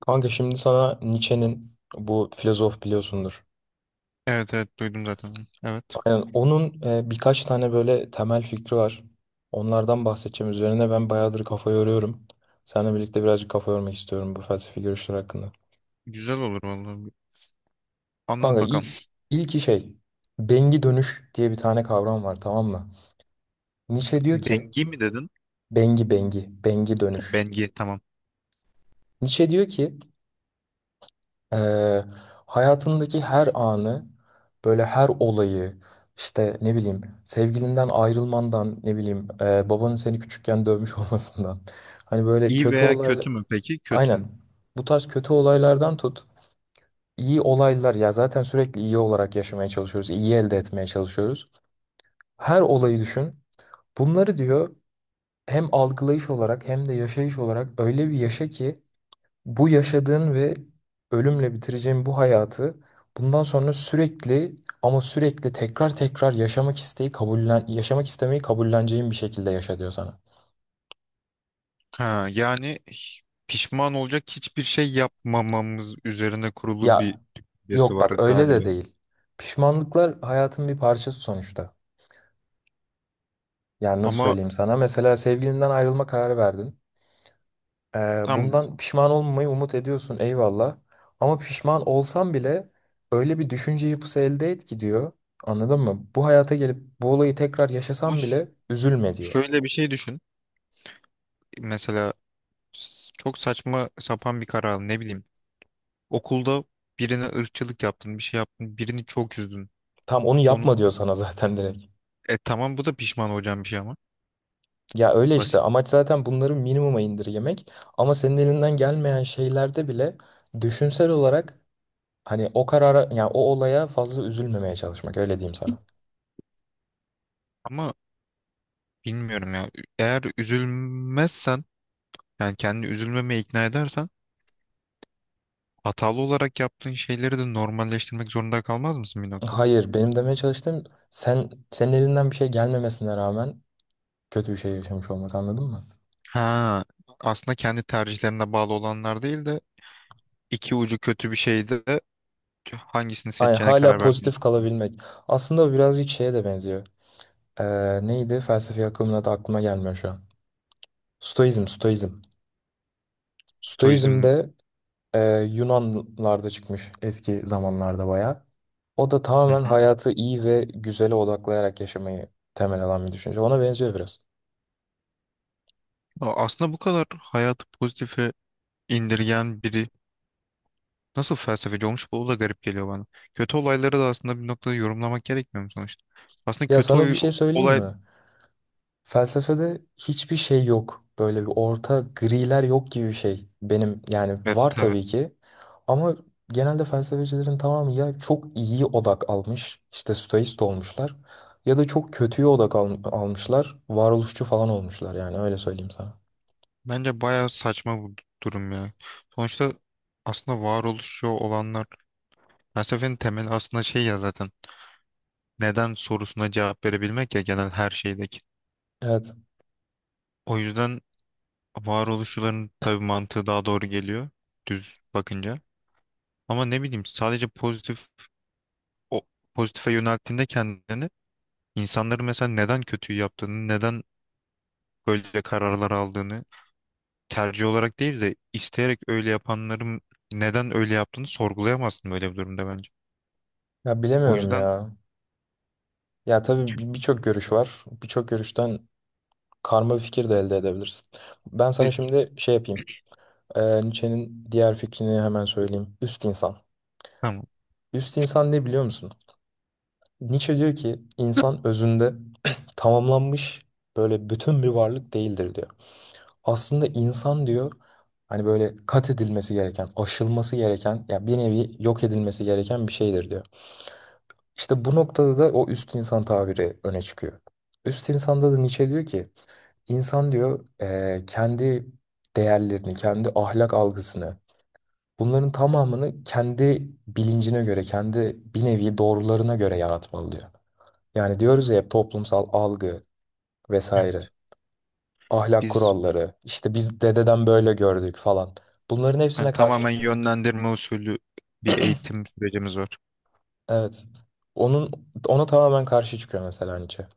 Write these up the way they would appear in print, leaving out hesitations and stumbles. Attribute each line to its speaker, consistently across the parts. Speaker 1: Kanka şimdi sana Nietzsche'nin bu filozof biliyorsundur.
Speaker 2: Evet, evet, duydum zaten. Onu. Evet.
Speaker 1: Aynen onun birkaç tane böyle temel fikri var. Onlardan bahsedeceğim. Üzerine ben bayağıdır kafa yoruyorum. Seninle birlikte birazcık kafa yormak istiyorum bu felsefi görüşler hakkında.
Speaker 2: Güzel olur vallahi. Anlat
Speaker 1: Kanka
Speaker 2: bakalım.
Speaker 1: il, ilki şey bengi dönüş diye bir tane kavram var, tamam mı? Nietzsche diyor ki
Speaker 2: Dengi mi dedin?
Speaker 1: bengi dönüş.
Speaker 2: Bengi, tamam.
Speaker 1: Nietzsche diyor ki Ee, hayatındaki her anı, böyle her olayı, işte ne bileyim sevgilinden ayrılmandan, ne bileyim babanın seni küçükken dövmüş olmasından. Hani böyle
Speaker 2: İyi
Speaker 1: kötü
Speaker 2: veya
Speaker 1: olaylar,
Speaker 2: kötü mü peki? Kötü mü?
Speaker 1: aynen bu tarz kötü olaylardan tut. İyi olaylar ya zaten sürekli iyi olarak yaşamaya çalışıyoruz, iyi elde etmeye çalışıyoruz. Her olayı düşün. Bunları diyor hem algılayış olarak hem de yaşayış olarak öyle bir yaşa ki bu yaşadığın ve ölümle bitireceğin bu hayatı bundan sonra sürekli ama sürekli tekrar tekrar yaşamak isteği kabullen yaşamak istemeyi kabulleneceğin bir şekilde yaşa diyor sana.
Speaker 2: Ha, yani pişman olacak hiçbir şey yapmamamız üzerine kurulu bir
Speaker 1: Ya
Speaker 2: düşüncesi
Speaker 1: yok,
Speaker 2: var
Speaker 1: bak öyle
Speaker 2: galiba.
Speaker 1: de değil. Pişmanlıklar hayatın bir parçası sonuçta. Yani nasıl
Speaker 2: Ama
Speaker 1: söyleyeyim sana? Mesela sevgilinden ayrılma kararı verdin.
Speaker 2: tam
Speaker 1: Bundan pişman olmamayı umut ediyorsun, eyvallah. Ama pişman olsan bile öyle bir düşünce yapısı elde et ki diyor. Anladın mı? Bu hayata gelip bu olayı tekrar yaşasan
Speaker 2: Hoş.
Speaker 1: bile üzülme diyor.
Speaker 2: Şöyle bir şey düşün. Mesela çok saçma sapan bir karar aldın. Ne bileyim. Okulda birine ırkçılık yaptın, bir şey yaptın, birini çok üzdün.
Speaker 1: Tam onu yapma
Speaker 2: Onun
Speaker 1: diyor sana zaten direkt.
Speaker 2: tamam, bu da pişman olacağın bir şey ama
Speaker 1: Ya öyle işte,
Speaker 2: basit.
Speaker 1: amaç zaten bunları minimuma indirgemek. Ama senin elinden gelmeyen şeylerde bile düşünsel olarak hani o karara, yani o olaya fazla üzülmemeye çalışmak, öyle diyeyim sana.
Speaker 2: Ama bilmiyorum ya. Eğer üzülmezsen, yani kendini üzülmemeye ikna edersen, hatalı olarak yaptığın şeyleri de normalleştirmek zorunda kalmaz mısın bir noktada?
Speaker 1: Hayır, benim demeye çalıştığım sen senin elinden bir şey gelmemesine rağmen kötü bir şey yaşamış olmak, anladın mı?
Speaker 2: Ha, aslında kendi tercihlerine bağlı olanlar değil de iki ucu kötü bir şeyde de hangisini
Speaker 1: Aynen,
Speaker 2: seçeceğine
Speaker 1: hala
Speaker 2: karar verdiğini
Speaker 1: pozitif
Speaker 2: düşünüyorum.
Speaker 1: kalabilmek. Aslında o birazcık şeye de benziyor. Neydi? Felsefi akımın adı aklıma gelmiyor şu an. Stoizm, Stoizm. Stoizm
Speaker 2: Stoizm.
Speaker 1: de e, Yunanlarda çıkmış eski zamanlarda, bayağı. O da
Speaker 2: Hı
Speaker 1: tamamen
Speaker 2: hı.
Speaker 1: hayatı iyi ve güzele odaklayarak yaşamayı temel alan bir düşünce. Ona benziyor biraz.
Speaker 2: Aslında bu kadar hayatı pozitife indirgen biri nasıl felsefeci olmuş, bu da garip geliyor bana. Kötü olayları da aslında bir noktada yorumlamak gerekmiyor mu sonuçta? Aslında
Speaker 1: Ya sana bir şey söyleyeyim
Speaker 2: olay,
Speaker 1: mi? Felsefede hiçbir şey yok. Böyle bir orta griler yok gibi bir şey. Benim yani
Speaker 2: evet,
Speaker 1: var
Speaker 2: tabii.
Speaker 1: tabii ki. Ama genelde felsefecilerin tamamı ya çok iyi odak almış, işte stoist olmuşlar. Ya da çok kötüye almışlar. Varoluşçu falan olmuşlar, yani öyle söyleyeyim sana.
Speaker 2: Bence bayağı saçma bu durum ya. Sonuçta aslında varoluşçu olanlar, felsefenin temeli aslında şey ya zaten, neden sorusuna cevap verebilmek ya, genel her şeydeki.
Speaker 1: Evet.
Speaker 2: O yüzden varoluşçuların tabii mantığı daha doğru geliyor düz bakınca. Ama ne bileyim, sadece pozitif, o pozitife yönelttiğinde kendini, insanların mesela neden kötüyü yaptığını, neden böyle kararlar aldığını, tercih olarak değil de isteyerek öyle yapanların neden öyle yaptığını sorgulayamazsın böyle bir durumda bence.
Speaker 1: Ya
Speaker 2: O
Speaker 1: bilemiyorum
Speaker 2: yüzden
Speaker 1: ya. Ya tabii birçok görüş var. Birçok görüşten karma bir fikir de elde edebilirsin. Ben sana
Speaker 2: te-
Speaker 1: şimdi şey yapayım. Nietzsche'nin diğer fikrini hemen söyleyeyim. Üst insan.
Speaker 2: tamam.
Speaker 1: Üst insan ne biliyor musun? Nietzsche diyor ki insan özünde tamamlanmış böyle bütün bir varlık değildir diyor. Aslında insan diyor hani böyle kat edilmesi gereken, aşılması gereken ya bir nevi yok edilmesi gereken bir şeydir diyor. İşte bu noktada da o üst insan tabiri öne çıkıyor. Üst insanda da Nietzsche diyor ki insan diyor kendi değerlerini, kendi ahlak algısını bunların tamamını kendi bilincine göre, kendi bir nevi doğrularına göre yaratmalı diyor. Yani diyoruz ya hep toplumsal algı vesaire,
Speaker 2: Evet.
Speaker 1: ahlak
Speaker 2: Biz
Speaker 1: kuralları, işte biz dededen böyle gördük falan. Bunların hepsine
Speaker 2: yani
Speaker 1: karşı
Speaker 2: tamamen
Speaker 1: çık.
Speaker 2: yönlendirme usulü bir eğitim sürecimiz var.
Speaker 1: Evet. Onun ona tamamen karşı çıkıyor mesela Nietzsche.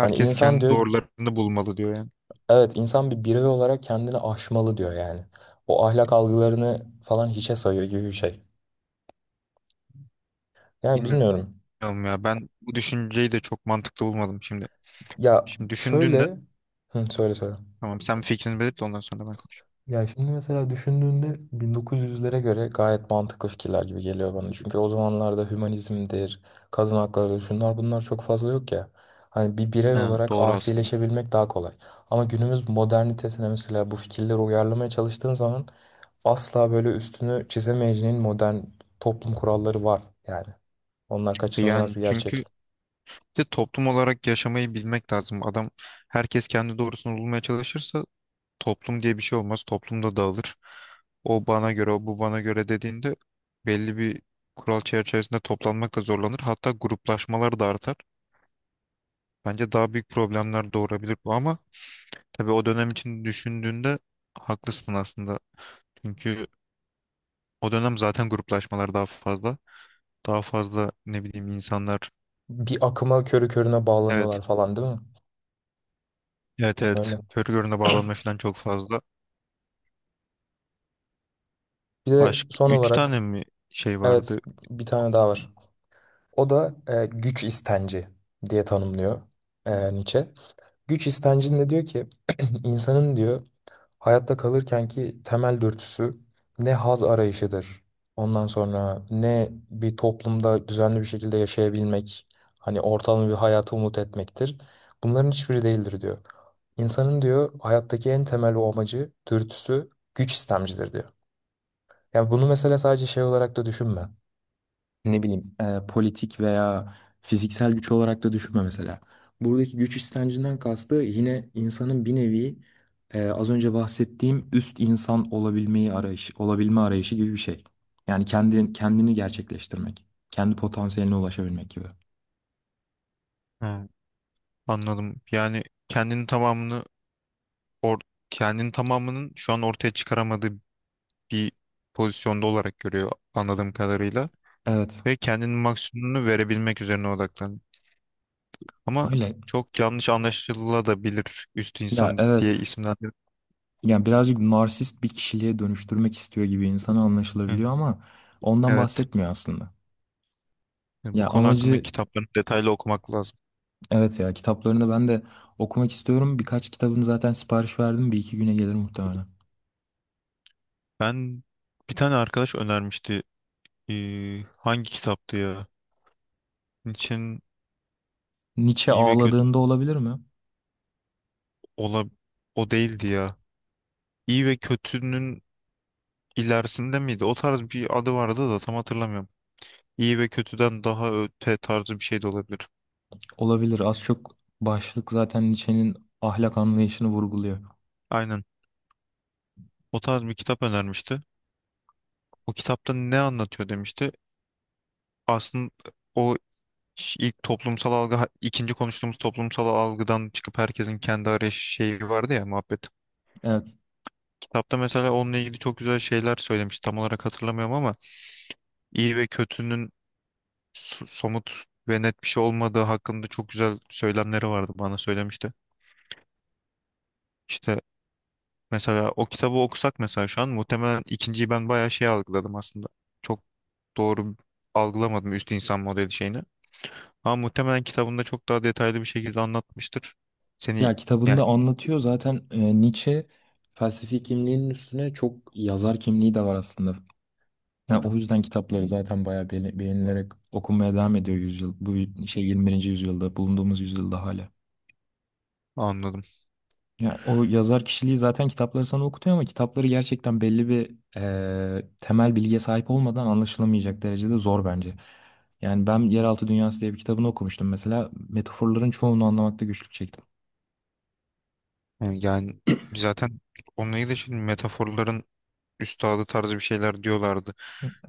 Speaker 1: Hani insan
Speaker 2: kendi
Speaker 1: diyor,
Speaker 2: doğrularını bulmalı diyor yani.
Speaker 1: evet insan bir birey olarak kendini aşmalı diyor yani. O ahlak algılarını falan hiçe sayıyor gibi bir şey. Yani
Speaker 2: Bilmiyorum
Speaker 1: bilmiyorum.
Speaker 2: ya, ben bu düşünceyi de çok mantıklı bulmadım şimdi.
Speaker 1: Ya
Speaker 2: Şimdi düşündüğünde,
Speaker 1: şöyle, hı, söyle söyle.
Speaker 2: tamam, sen fikrini belirt de ondan sonra ben konuşayım.
Speaker 1: Ya şimdi mesela düşündüğünde 1900'lere göre gayet mantıklı fikirler gibi geliyor bana. Çünkü o zamanlarda hümanizmdir, kadın hakları, şunlar bunlar çok fazla yok ya. Hani bir birey
Speaker 2: Ha,
Speaker 1: olarak
Speaker 2: doğru aslında.
Speaker 1: asileşebilmek daha kolay. Ama günümüz modernitesine mesela bu fikirleri uyarlamaya çalıştığın zaman asla böyle üstünü çizemeyeceğin modern toplum kuralları var yani. Onlar kaçınılmaz
Speaker 2: Yani
Speaker 1: bir gerçek.
Speaker 2: çünkü de toplum olarak yaşamayı bilmek lazım. Adam, herkes kendi doğrusunu bulmaya çalışırsa toplum diye bir şey olmaz. Toplum da dağılır. O bana göre, o bu bana göre dediğinde belli bir kural çerçevesinde toplanmakla zorlanır. Hatta gruplaşmalar da artar. Bence daha büyük problemler doğurabilir bu, ama tabii o dönem için düşündüğünde haklısın aslında. Çünkü o dönem zaten gruplaşmalar daha fazla. Daha fazla ne bileyim insanlar.
Speaker 1: Bir akıma körü körüne
Speaker 2: Evet.
Speaker 1: bağlanıyorlar falan, değil mi?
Speaker 2: Evet, evet.
Speaker 1: Öyle.
Speaker 2: Körü görüne bağlanma falan çok fazla.
Speaker 1: Bir de
Speaker 2: Başka
Speaker 1: son
Speaker 2: 3 tane
Speaker 1: olarak
Speaker 2: mi şey
Speaker 1: evet,
Speaker 2: vardı?
Speaker 1: bir tane daha
Speaker 2: Hı.
Speaker 1: var. O da güç istenci diye tanımlıyor
Speaker 2: Hı.
Speaker 1: e, Nietzsche. Güç istencinde diyor ki insanın diyor hayatta kalırkenki temel dürtüsü ne haz arayışıdır. Ondan sonra ne bir toplumda düzenli bir şekilde yaşayabilmek, hani ortalama bir hayata umut etmektir. Bunların hiçbiri değildir diyor. İnsanın diyor hayattaki en temel o amacı, dürtüsü güç istemcidir diyor. Yani bunu mesela sadece şey olarak da düşünme, ne bileyim politik veya fiziksel güç olarak da düşünme mesela. Buradaki güç istencinden kastı yine insanın bir nevi az önce bahsettiğim üst insan olabilme arayışı gibi bir şey. Yani kendini gerçekleştirmek, kendi potansiyeline ulaşabilmek gibi.
Speaker 2: Ha, anladım. Yani or kendini tamamının şu an ortaya çıkaramadığı bir pozisyonda olarak görüyor anladığım kadarıyla
Speaker 1: Evet,
Speaker 2: ve kendinin maksimumunu verebilmek üzerine odaklanıyor. Ama
Speaker 1: öyle.
Speaker 2: çok yanlış anlaşılabilir üst
Speaker 1: Ya
Speaker 2: insan diye
Speaker 1: evet.
Speaker 2: isimlendir.
Speaker 1: Yani birazcık narsist bir kişiliğe dönüştürmek istiyor gibi insana
Speaker 2: Hı.
Speaker 1: anlaşılabiliyor ama ondan
Speaker 2: Evet.
Speaker 1: bahsetmiyor aslında.
Speaker 2: Yani
Speaker 1: Ya
Speaker 2: bu konu hakkında
Speaker 1: amacı
Speaker 2: kitaplarını detaylı okumak lazım.
Speaker 1: evet, ya kitaplarını ben de okumak istiyorum. Birkaç kitabını zaten sipariş verdim. Bir iki güne gelir muhtemelen.
Speaker 2: Ben bir tane arkadaş önermişti. Hangi kitaptı ya? Nietzsche'nin
Speaker 1: Nietzsche
Speaker 2: iyi ve kötü
Speaker 1: ağladığında olabilir mi?
Speaker 2: ola o değildi ya. İyi ve kötünün ilerisinde miydi? O tarz bir adı vardı da tam hatırlamıyorum. İyi ve kötüden daha öte tarzı bir şey de olabilir.
Speaker 1: Olabilir. Az çok başlık zaten Nietzsche'nin ahlak anlayışını vurguluyor.
Speaker 2: Aynen. O tarz bir kitap önermişti. O kitapta ne anlatıyor demişti. Aslında o ilk toplumsal algı, ikinci konuştuğumuz toplumsal algıdan çıkıp herkesin kendi arayış şeyi vardı ya, muhabbet.
Speaker 1: Evet.
Speaker 2: Kitapta mesela onunla ilgili çok güzel şeyler söylemiş. Tam olarak hatırlamıyorum ama iyi ve kötünün somut ve net bir şey olmadığı hakkında çok güzel söylemleri vardı, bana söylemişti. İşte mesela o kitabı okusak mesela, şu an muhtemelen ikinciyi ben bayağı şey algıladım aslında. Çok doğru algılamadım üst insan modeli şeyini. Ama muhtemelen kitabında çok daha detaylı bir şekilde anlatmıştır. Seni
Speaker 1: Ya
Speaker 2: yani
Speaker 1: kitabında anlatıyor zaten Nietzsche felsefi kimliğinin üstüne çok yazar kimliği de var aslında. Yani o yüzden kitapları zaten bayağı beğenilerek okunmaya devam ediyor yüzyıl. Bu şey 21. yüzyılda bulunduğumuz yüzyılda hala.
Speaker 2: Anladım.
Speaker 1: Ya o yazar kişiliği zaten kitapları sana okutuyor ama kitapları gerçekten belli bir temel bilgiye sahip olmadan anlaşılamayacak derecede zor bence. Yani ben Yeraltı Dünyası diye bir kitabını okumuştum mesela. Metaforların çoğunu anlamakta güçlük çektim.
Speaker 2: Yani, yani zaten onunla ilgili şimdi metaforların üstadı tarzı bir şeyler diyorlardı.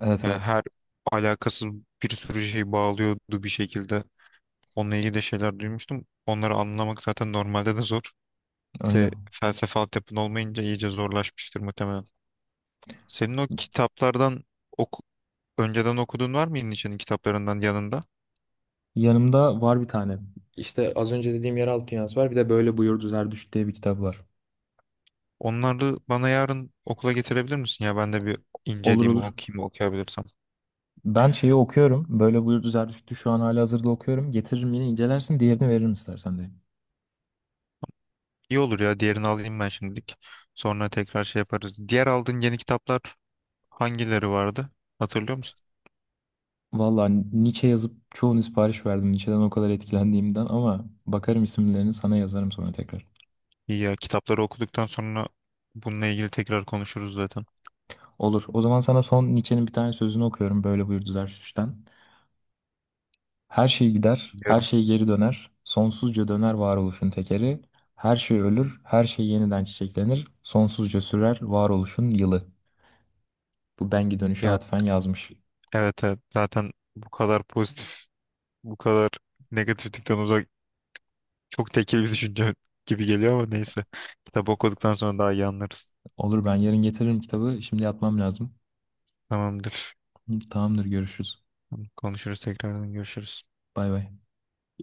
Speaker 1: Evet
Speaker 2: Yani
Speaker 1: evet,
Speaker 2: her alakasız bir sürü şey bağlıyordu bir şekilde. Onunla ilgili de şeyler duymuştum. Onları anlamak zaten normalde de zor. İşte
Speaker 1: öyle.
Speaker 2: felsefe altyapın olmayınca iyice zorlaşmıştır muhtemelen. Senin o kitaplardan oku- önceden okuduğun var mı İlniç'in kitaplarından yanında?
Speaker 1: Yanımda var bir tane. İşte az önce dediğim Yeraltı Dünyası var. Bir de Böyle Buyurdu Zerdüşt diye bir kitap var.
Speaker 2: Onları bana yarın okula getirebilir misin ya? Ben de bir
Speaker 1: Olur
Speaker 2: inceleyeyim,
Speaker 1: olur.
Speaker 2: okuyayım, okuyabilirsem.
Speaker 1: Ben şeyi okuyorum. Böyle Buyurdu Zerdüşt'ü şu an halihazırda okuyorum. Getiririm, yine incelersin. Diğerini veririm istersen de.
Speaker 2: İyi olur ya. Diğerini alayım ben şimdilik. Sonra tekrar şey yaparız. Diğer aldığın yeni kitaplar hangileri vardı? Hatırlıyor musun?
Speaker 1: Valla Nietzsche yazıp çoğunu sipariş verdim. Nietzsche'den o kadar etkilendiğimden, ama bakarım isimlerini sana yazarım sonra tekrar.
Speaker 2: İyi ya, kitapları okuduktan sonra bununla ilgili tekrar konuşuruz zaten.
Speaker 1: Olur. O zaman sana son Nietzsche'nin bir tane sözünü okuyorum. Böyle buyurdu Zarathus'tan. Her şey gider, her
Speaker 2: Biliyorum.
Speaker 1: şey geri döner. Sonsuzca döner varoluşun tekeri. Her şey ölür, her şey yeniden çiçeklenir. Sonsuzca sürer varoluşun yılı. Bu Bengi dönüşe
Speaker 2: Ya
Speaker 1: atfen yazmış.
Speaker 2: evet, evet, zaten bu kadar pozitif, bu kadar negatiflikten uzak, çok tekil bir düşünce gibi geliyor ama neyse. Kitap okuduktan sonra daha iyi anlarız.
Speaker 1: Olur, ben yarın getiririm kitabı. Şimdi yatmam lazım.
Speaker 2: Tamamdır.
Speaker 1: Tamamdır, görüşürüz.
Speaker 2: Konuşuruz, tekrardan görüşürüz.
Speaker 1: Bay bay.